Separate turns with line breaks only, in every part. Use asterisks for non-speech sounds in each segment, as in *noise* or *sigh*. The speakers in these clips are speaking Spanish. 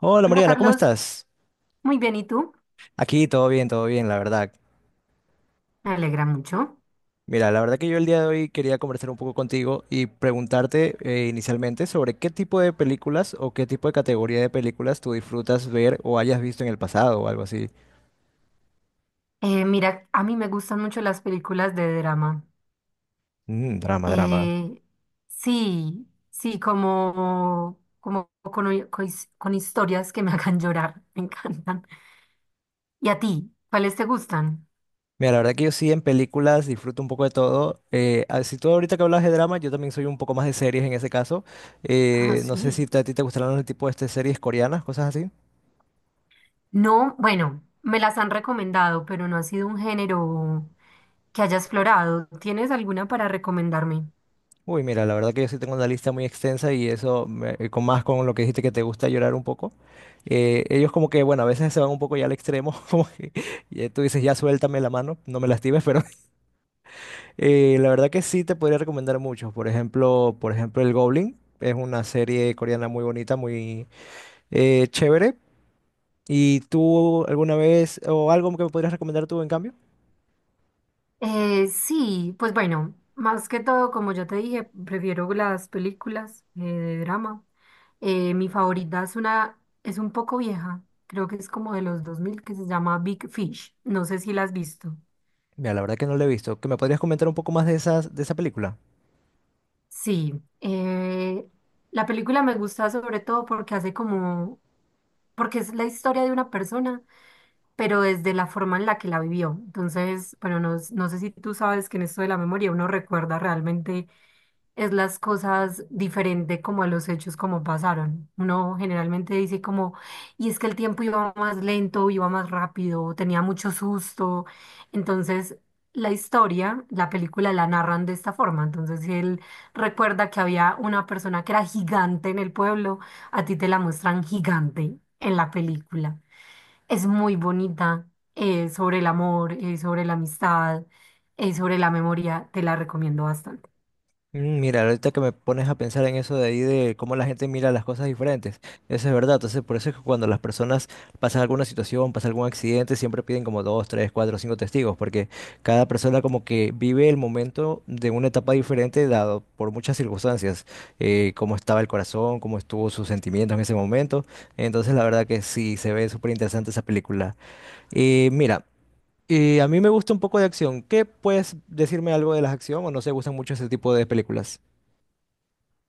Hola
Hola
Mariana, ¿cómo
Carlos,
estás?
muy bien, ¿y tú?
Aquí todo bien, la verdad.
Me alegra mucho.
Mira, la verdad que yo el día de hoy quería conversar un poco contigo y preguntarte inicialmente sobre qué tipo de películas o qué tipo de categoría de películas tú disfrutas ver o hayas visto en el pasado o algo así.
Mira, a mí me gustan mucho las películas de drama.
Mm, drama, drama.
Eh, sí, sí, como, como con, hi- con his- con historias que me *laughs* hagan llorar, me encantan. ¿Y a ti? ¿Cuáles te gustan?
Mira, la verdad que yo sí en películas disfruto un poco de todo. Si tú ahorita que hablas de drama, yo también soy un poco más de series en ese caso.
Ah,
No sé si
sí.
te- a ti te gustarán los tipos de este, series coreanas, cosas así.
No, bueno, me las han recomendado, pero no ha sido un género que haya explorado. ¿Tienes alguna para recomendarme?
Uy, mira, la verdad que yo sí tengo una lista muy extensa y eso, con más con lo que dijiste que te gusta llorar un poco. Ellos como que, bueno, a veces se van un poco ya al extremo, *laughs* como que tú dices, ya suéltame la mano, no me lastimes, pero *laughs* la verdad que sí te podría recomendar muchos. Por ejemplo, El Goblin es una serie coreana muy bonita, muy chévere. ¿Y tú alguna vez o algo que me podrías recomendar tú en cambio?
Sí, pues bueno, más que todo, como ya te dije, prefiero las películas de drama. Mi favorita es una, es un poco vieja, creo que es como de los dos mil, que se llama Big Fish. No sé si la has visto.
Mira, la verdad que no lo he visto. ¿Que me podrías comentar un poco más de de esa película?
Sí, la película me gusta sobre todo porque hace como, porque es la historia de una persona, pero desde la forma en la que la vivió. Entonces, bueno, no sé si tú sabes que en esto de la memoria uno recuerda realmente es las cosas diferente como a los hechos como pasaron. Uno generalmente dice como, y es que el tiempo iba más lento, iba más rápido, tenía mucho susto. Entonces, la historia, la película la narran de esta forma. Entonces, si él recuerda que había una persona que era gigante en el pueblo, a ti te la muestran gigante en la película. Es muy bonita, sobre el amor, sobre la amistad, sobre la memoria, te la recomiendo bastante.
Mm, mira, ahorita que me pones a pensar en eso de ahí de cómo la gente mira las cosas diferentes, eso es verdad. Entonces, por eso es que cuando las personas pasan alguna situación, pasan algún accidente, siempre piden como dos, tres, cuatro, cinco testigos, porque cada persona como que vive el momento de una etapa diferente dado por muchas circunstancias, cómo estaba el corazón, cómo estuvo sus sentimientos en ese momento. Entonces, la verdad que sí, se ve súper interesante esa película. Mira. Y a mí me gusta un poco de acción. ¿Qué puedes decirme algo de las acción o no se gustan mucho ese tipo de películas?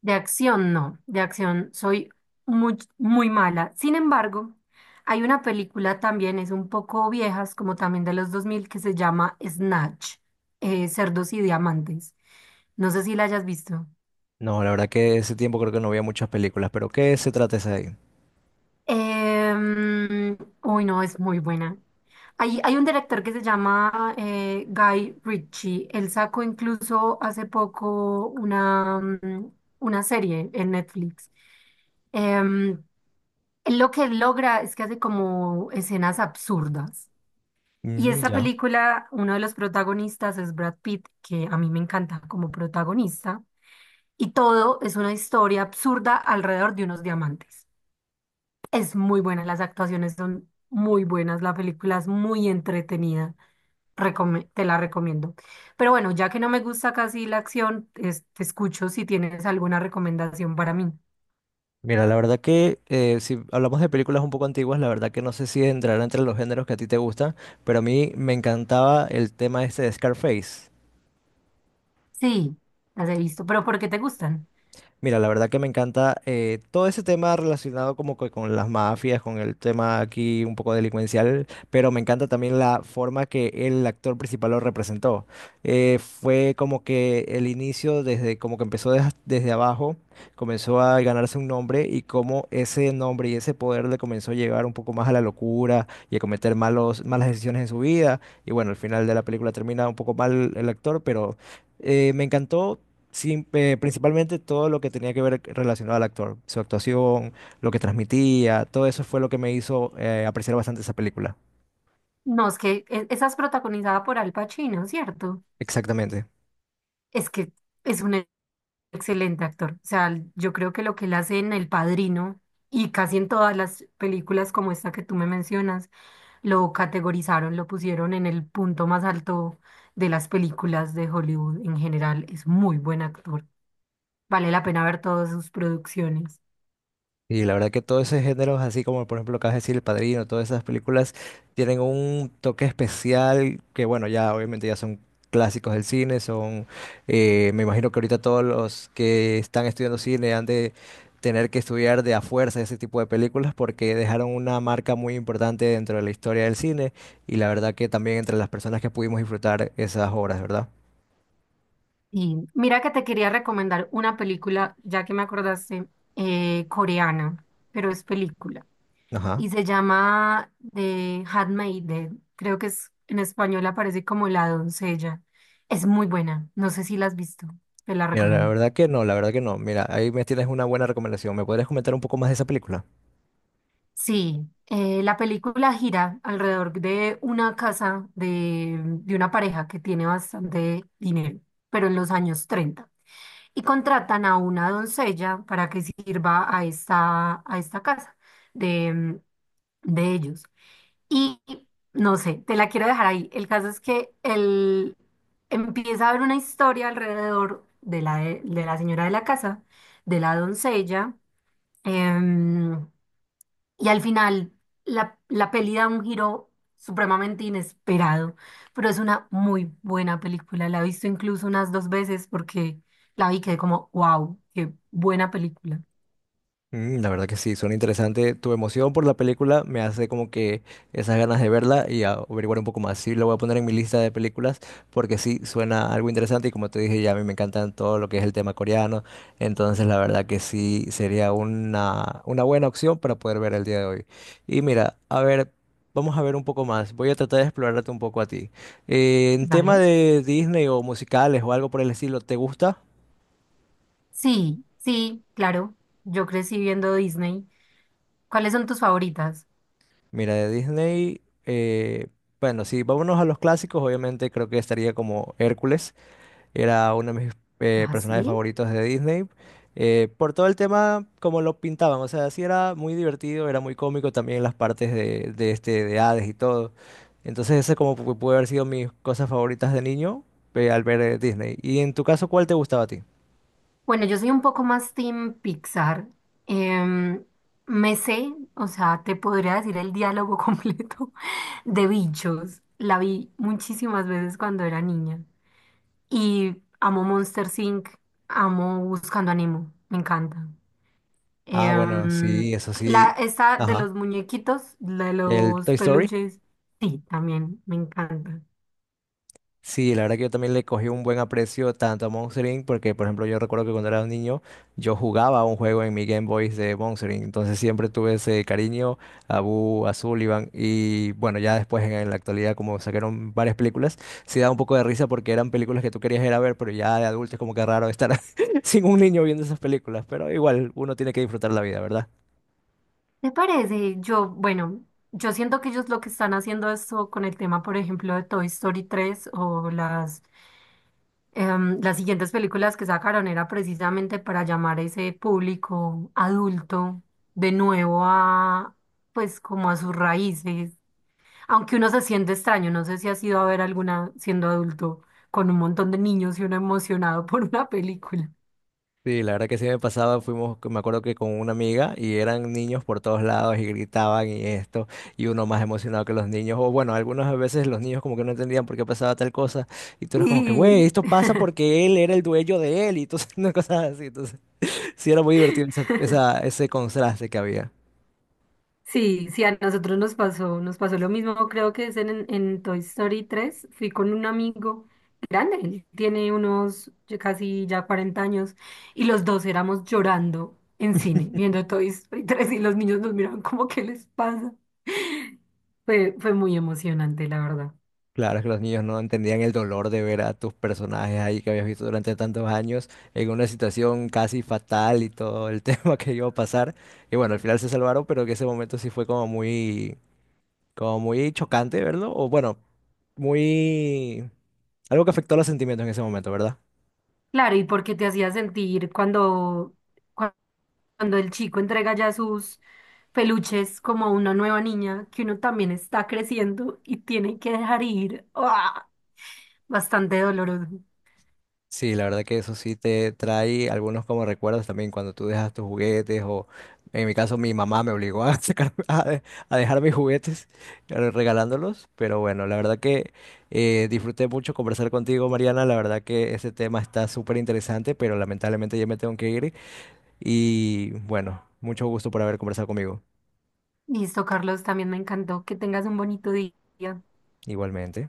De acción, no, de acción soy muy, muy mala. Sin embargo, hay una película también, es un poco viejas, como también de los dos mil, que se llama Snatch, Cerdos y Diamantes. No sé si la hayas visto.
No, la verdad que ese tiempo creo que no veía muchas películas, pero ¿qué se trata esa de ahí?
Em, uy, no, es muy buena. Hay un director que se llama Guy Ritchie. Él sacó incluso hace poco una, una serie en Netflix. Em, él lo que logra es que hace como escenas absurdas. Y
Mm,
esta
ya.
película, uno de los protagonistas es Brad Pitt, que a mí me encanta como protagonista. Y todo es una historia absurda alrededor de unos diamantes. Es muy buena, las actuaciones son muy buenas, la película es muy entretenida, te la recomiendo. Pero bueno, ya que no me gusta casi la acción, te escucho si tienes alguna recomendación para mí.
Mira, la verdad que si hablamos de películas un poco antiguas, la verdad que no sé si entrará entre los géneros que a ti te gustan, pero a mí me encantaba el tema este de Scarface.
Sí, las he visto, pero ¿por qué te gustan?
Mira, la verdad que me encanta todo ese tema relacionado como que con las mafias, con el tema aquí un poco delincuencial, pero me encanta también la forma que el actor principal lo representó. Fue como que el inicio desde como que empezó desde abajo, comenzó a ganarse un nombre y cómo ese nombre y ese poder le comenzó a llevar un poco más a la locura y a cometer malas decisiones en su vida. Y bueno, al final de la película termina un poco mal el actor, pero me encantó. Sí, principalmente todo lo que tenía que ver relacionado al actor, su actuación, lo que transmitía, todo eso fue lo que me hizo apreciar bastante esa película.
No, es que esa es protagonizada por Al Pacino, ¿cierto?
Exactamente.
Es que es un excelente actor. O sea, yo creo que lo que él hace en El Padrino y casi en todas las películas como esta que tú me mencionas, lo categorizaron, lo pusieron en el punto más alto de las películas de Hollywood en general. Es muy buen actor. Vale la pena ver todas sus producciones.
Y la verdad que todos esos géneros, así como por ejemplo acabas de decir, El Padrino, todas esas películas tienen un toque especial que bueno, ya obviamente ya son clásicos del cine, son, me imagino que ahorita todos los que están estudiando cine han de tener que estudiar de a fuerza ese tipo de películas porque dejaron una marca muy importante dentro de la historia del cine y la verdad que también entre las personas que pudimos disfrutar esas obras, ¿verdad?
Y mira que te quería recomendar una película, ya que me acordaste, coreana, pero es película.
Ajá.
Y se llama The Handmaiden. Creo que es, en español aparece como La Doncella. Es muy buena. No sé si la has visto. Te la
Mira, la
recomiendo.
verdad que no, la verdad que no. Mira, ahí me tienes una buena recomendación. ¿Me podrías comentar un poco más de esa película?
Sí, la película gira alrededor de una casa de una pareja que tiene bastante dinero, pero en los años treinta, y contratan a una doncella para que sirva a esta casa de, de ellos. Y no sé, te la quiero dejar ahí. El caso es que él empieza a haber una historia alrededor de la señora de la casa, de la doncella. em, y al final, la peli da un giro supremamente inesperado, pero es una muy buena película. La he visto incluso unas dos veces, porque la vi y quedé como, wow, qué buena película.
Mm, la verdad que sí, suena interesante. Tu emoción por la película me hace como que esas ganas de verla y averiguar un poco más. Sí, lo voy a poner en mi lista de películas porque sí, suena algo interesante y como te dije, ya a mí me encantan todo lo que es el tema coreano. Entonces, la verdad que sí, sería una buena opción para poder ver el día de hoy. Y mira, a ver, vamos a ver un poco más. Voy a tratar de explorarte un poco a ti. En tema
¿Vale?
de Disney o musicales o algo por el estilo, ¿te gusta?
Sí, sí, claro. Yo crecí viendo Disney. ¿Cuáles son tus favoritas?
Mira, de Disney, bueno, sí, vámonos a los clásicos, obviamente creo que estaría como Hércules, era uno de mis
¿Ah,
personajes
sí?
favoritos de Disney, por todo el tema como lo pintaban, o sea, sí era muy divertido, era muy cómico también las partes de este, de Hades y todo, entonces ese como puede haber sido mis cosas favoritas de niño al ver Disney. ¿Y en tu caso, cuál te gustaba a ti?
Bueno, yo soy un poco más team Pixar. Em, me sé, o sea, te podría decir el diálogo *laughs* completo de Bichos. La vi muchísimas veces cuando era niña. Y amo Monster Inc., amo Buscando a Nemo, me encanta.
Ah, bueno,
Em,
sí, eso
la,
sí,
esta de
ajá,
los muñequitos, la de
el
los
Toy Story.
peluches, sí, también me encanta.
Sí, la verdad que yo también le cogí un buen aprecio tanto a Monster Inc. porque, por ejemplo, yo recuerdo que cuando era un niño yo jugaba un juego en mi Game Boy de Monster Inc. Entonces siempre tuve ese cariño a Boo, a Sullivan y bueno, ya después en la actualidad como sacaron varias películas, sí da un poco de risa porque eran películas que tú querías ir a ver, pero ya de adulto es como que raro estar *laughs* sin un niño viendo esas películas, pero igual uno tiene que disfrutar la vida, ¿verdad?
¿Te parece? Yo, bueno, yo siento que ellos lo que están haciendo esto con el tema, por ejemplo, de Toy Story tres o las, las siguientes películas que sacaron era precisamente para llamar a ese público adulto de nuevo a, pues como a sus raíces. Aunque uno se siente extraño, no sé si has ido a ver alguna siendo adulto con un montón de niños y uno emocionado *laughs* por una película.
Sí, la verdad que sí me pasaba, fuimos, me acuerdo que con una amiga y eran niños por todos lados y gritaban y esto, y uno más emocionado que los niños, o bueno, algunas veces los niños como que no entendían por qué pasaba tal cosa, y tú eras como que, güey,
*laughs*
esto pasa porque él era el dueño de él, y entonces, *laughs* una cosa así, entonces, sí era muy divertido ese contraste que había.
Sí, sí, a nosotros nos pasó lo mismo, creo que es en Toy Story tres. Fui con un amigo grande, él tiene unos ya casi ya 40 años, y los dos éramos llorando en cine, viendo Toy Story tres y los niños nos miraban como, ¿qué les pasa? *laughs* Fue muy emocionante, la verdad.
Claro, es que los niños no entendían el dolor de ver a tus personajes ahí que habías visto durante tantos años en una situación casi fatal y todo el *laughs* tema que iba a pasar. Y bueno, al final se salvaron, pero que ese momento sí fue como muy chocante verlo, o bueno, muy... algo que afectó los sentimientos en ese momento, ¿verdad?
Claro, ¿y por qué te hacía sentir cuando, cuando el chico entrega ya sus peluches como a una nueva niña, que uno también está creciendo y tiene que dejar ir? ¡Ah! Bastante doloroso.
Sí, la verdad que eso sí te trae algunos como recuerdos también cuando tú dejas tus juguetes o en mi caso mi mamá me obligó a *laughs* a dejar mis juguetes regalándolos, pero bueno, la verdad que disfruté mucho conversar contigo, Mariana, la verdad que ese tema está súper interesante, pero lamentablemente ya me tengo que ir y bueno, mucho gusto por haber conversado conmigo,
Listo, Carlos, también me encantó. Que tengas un bonito día.
igualmente.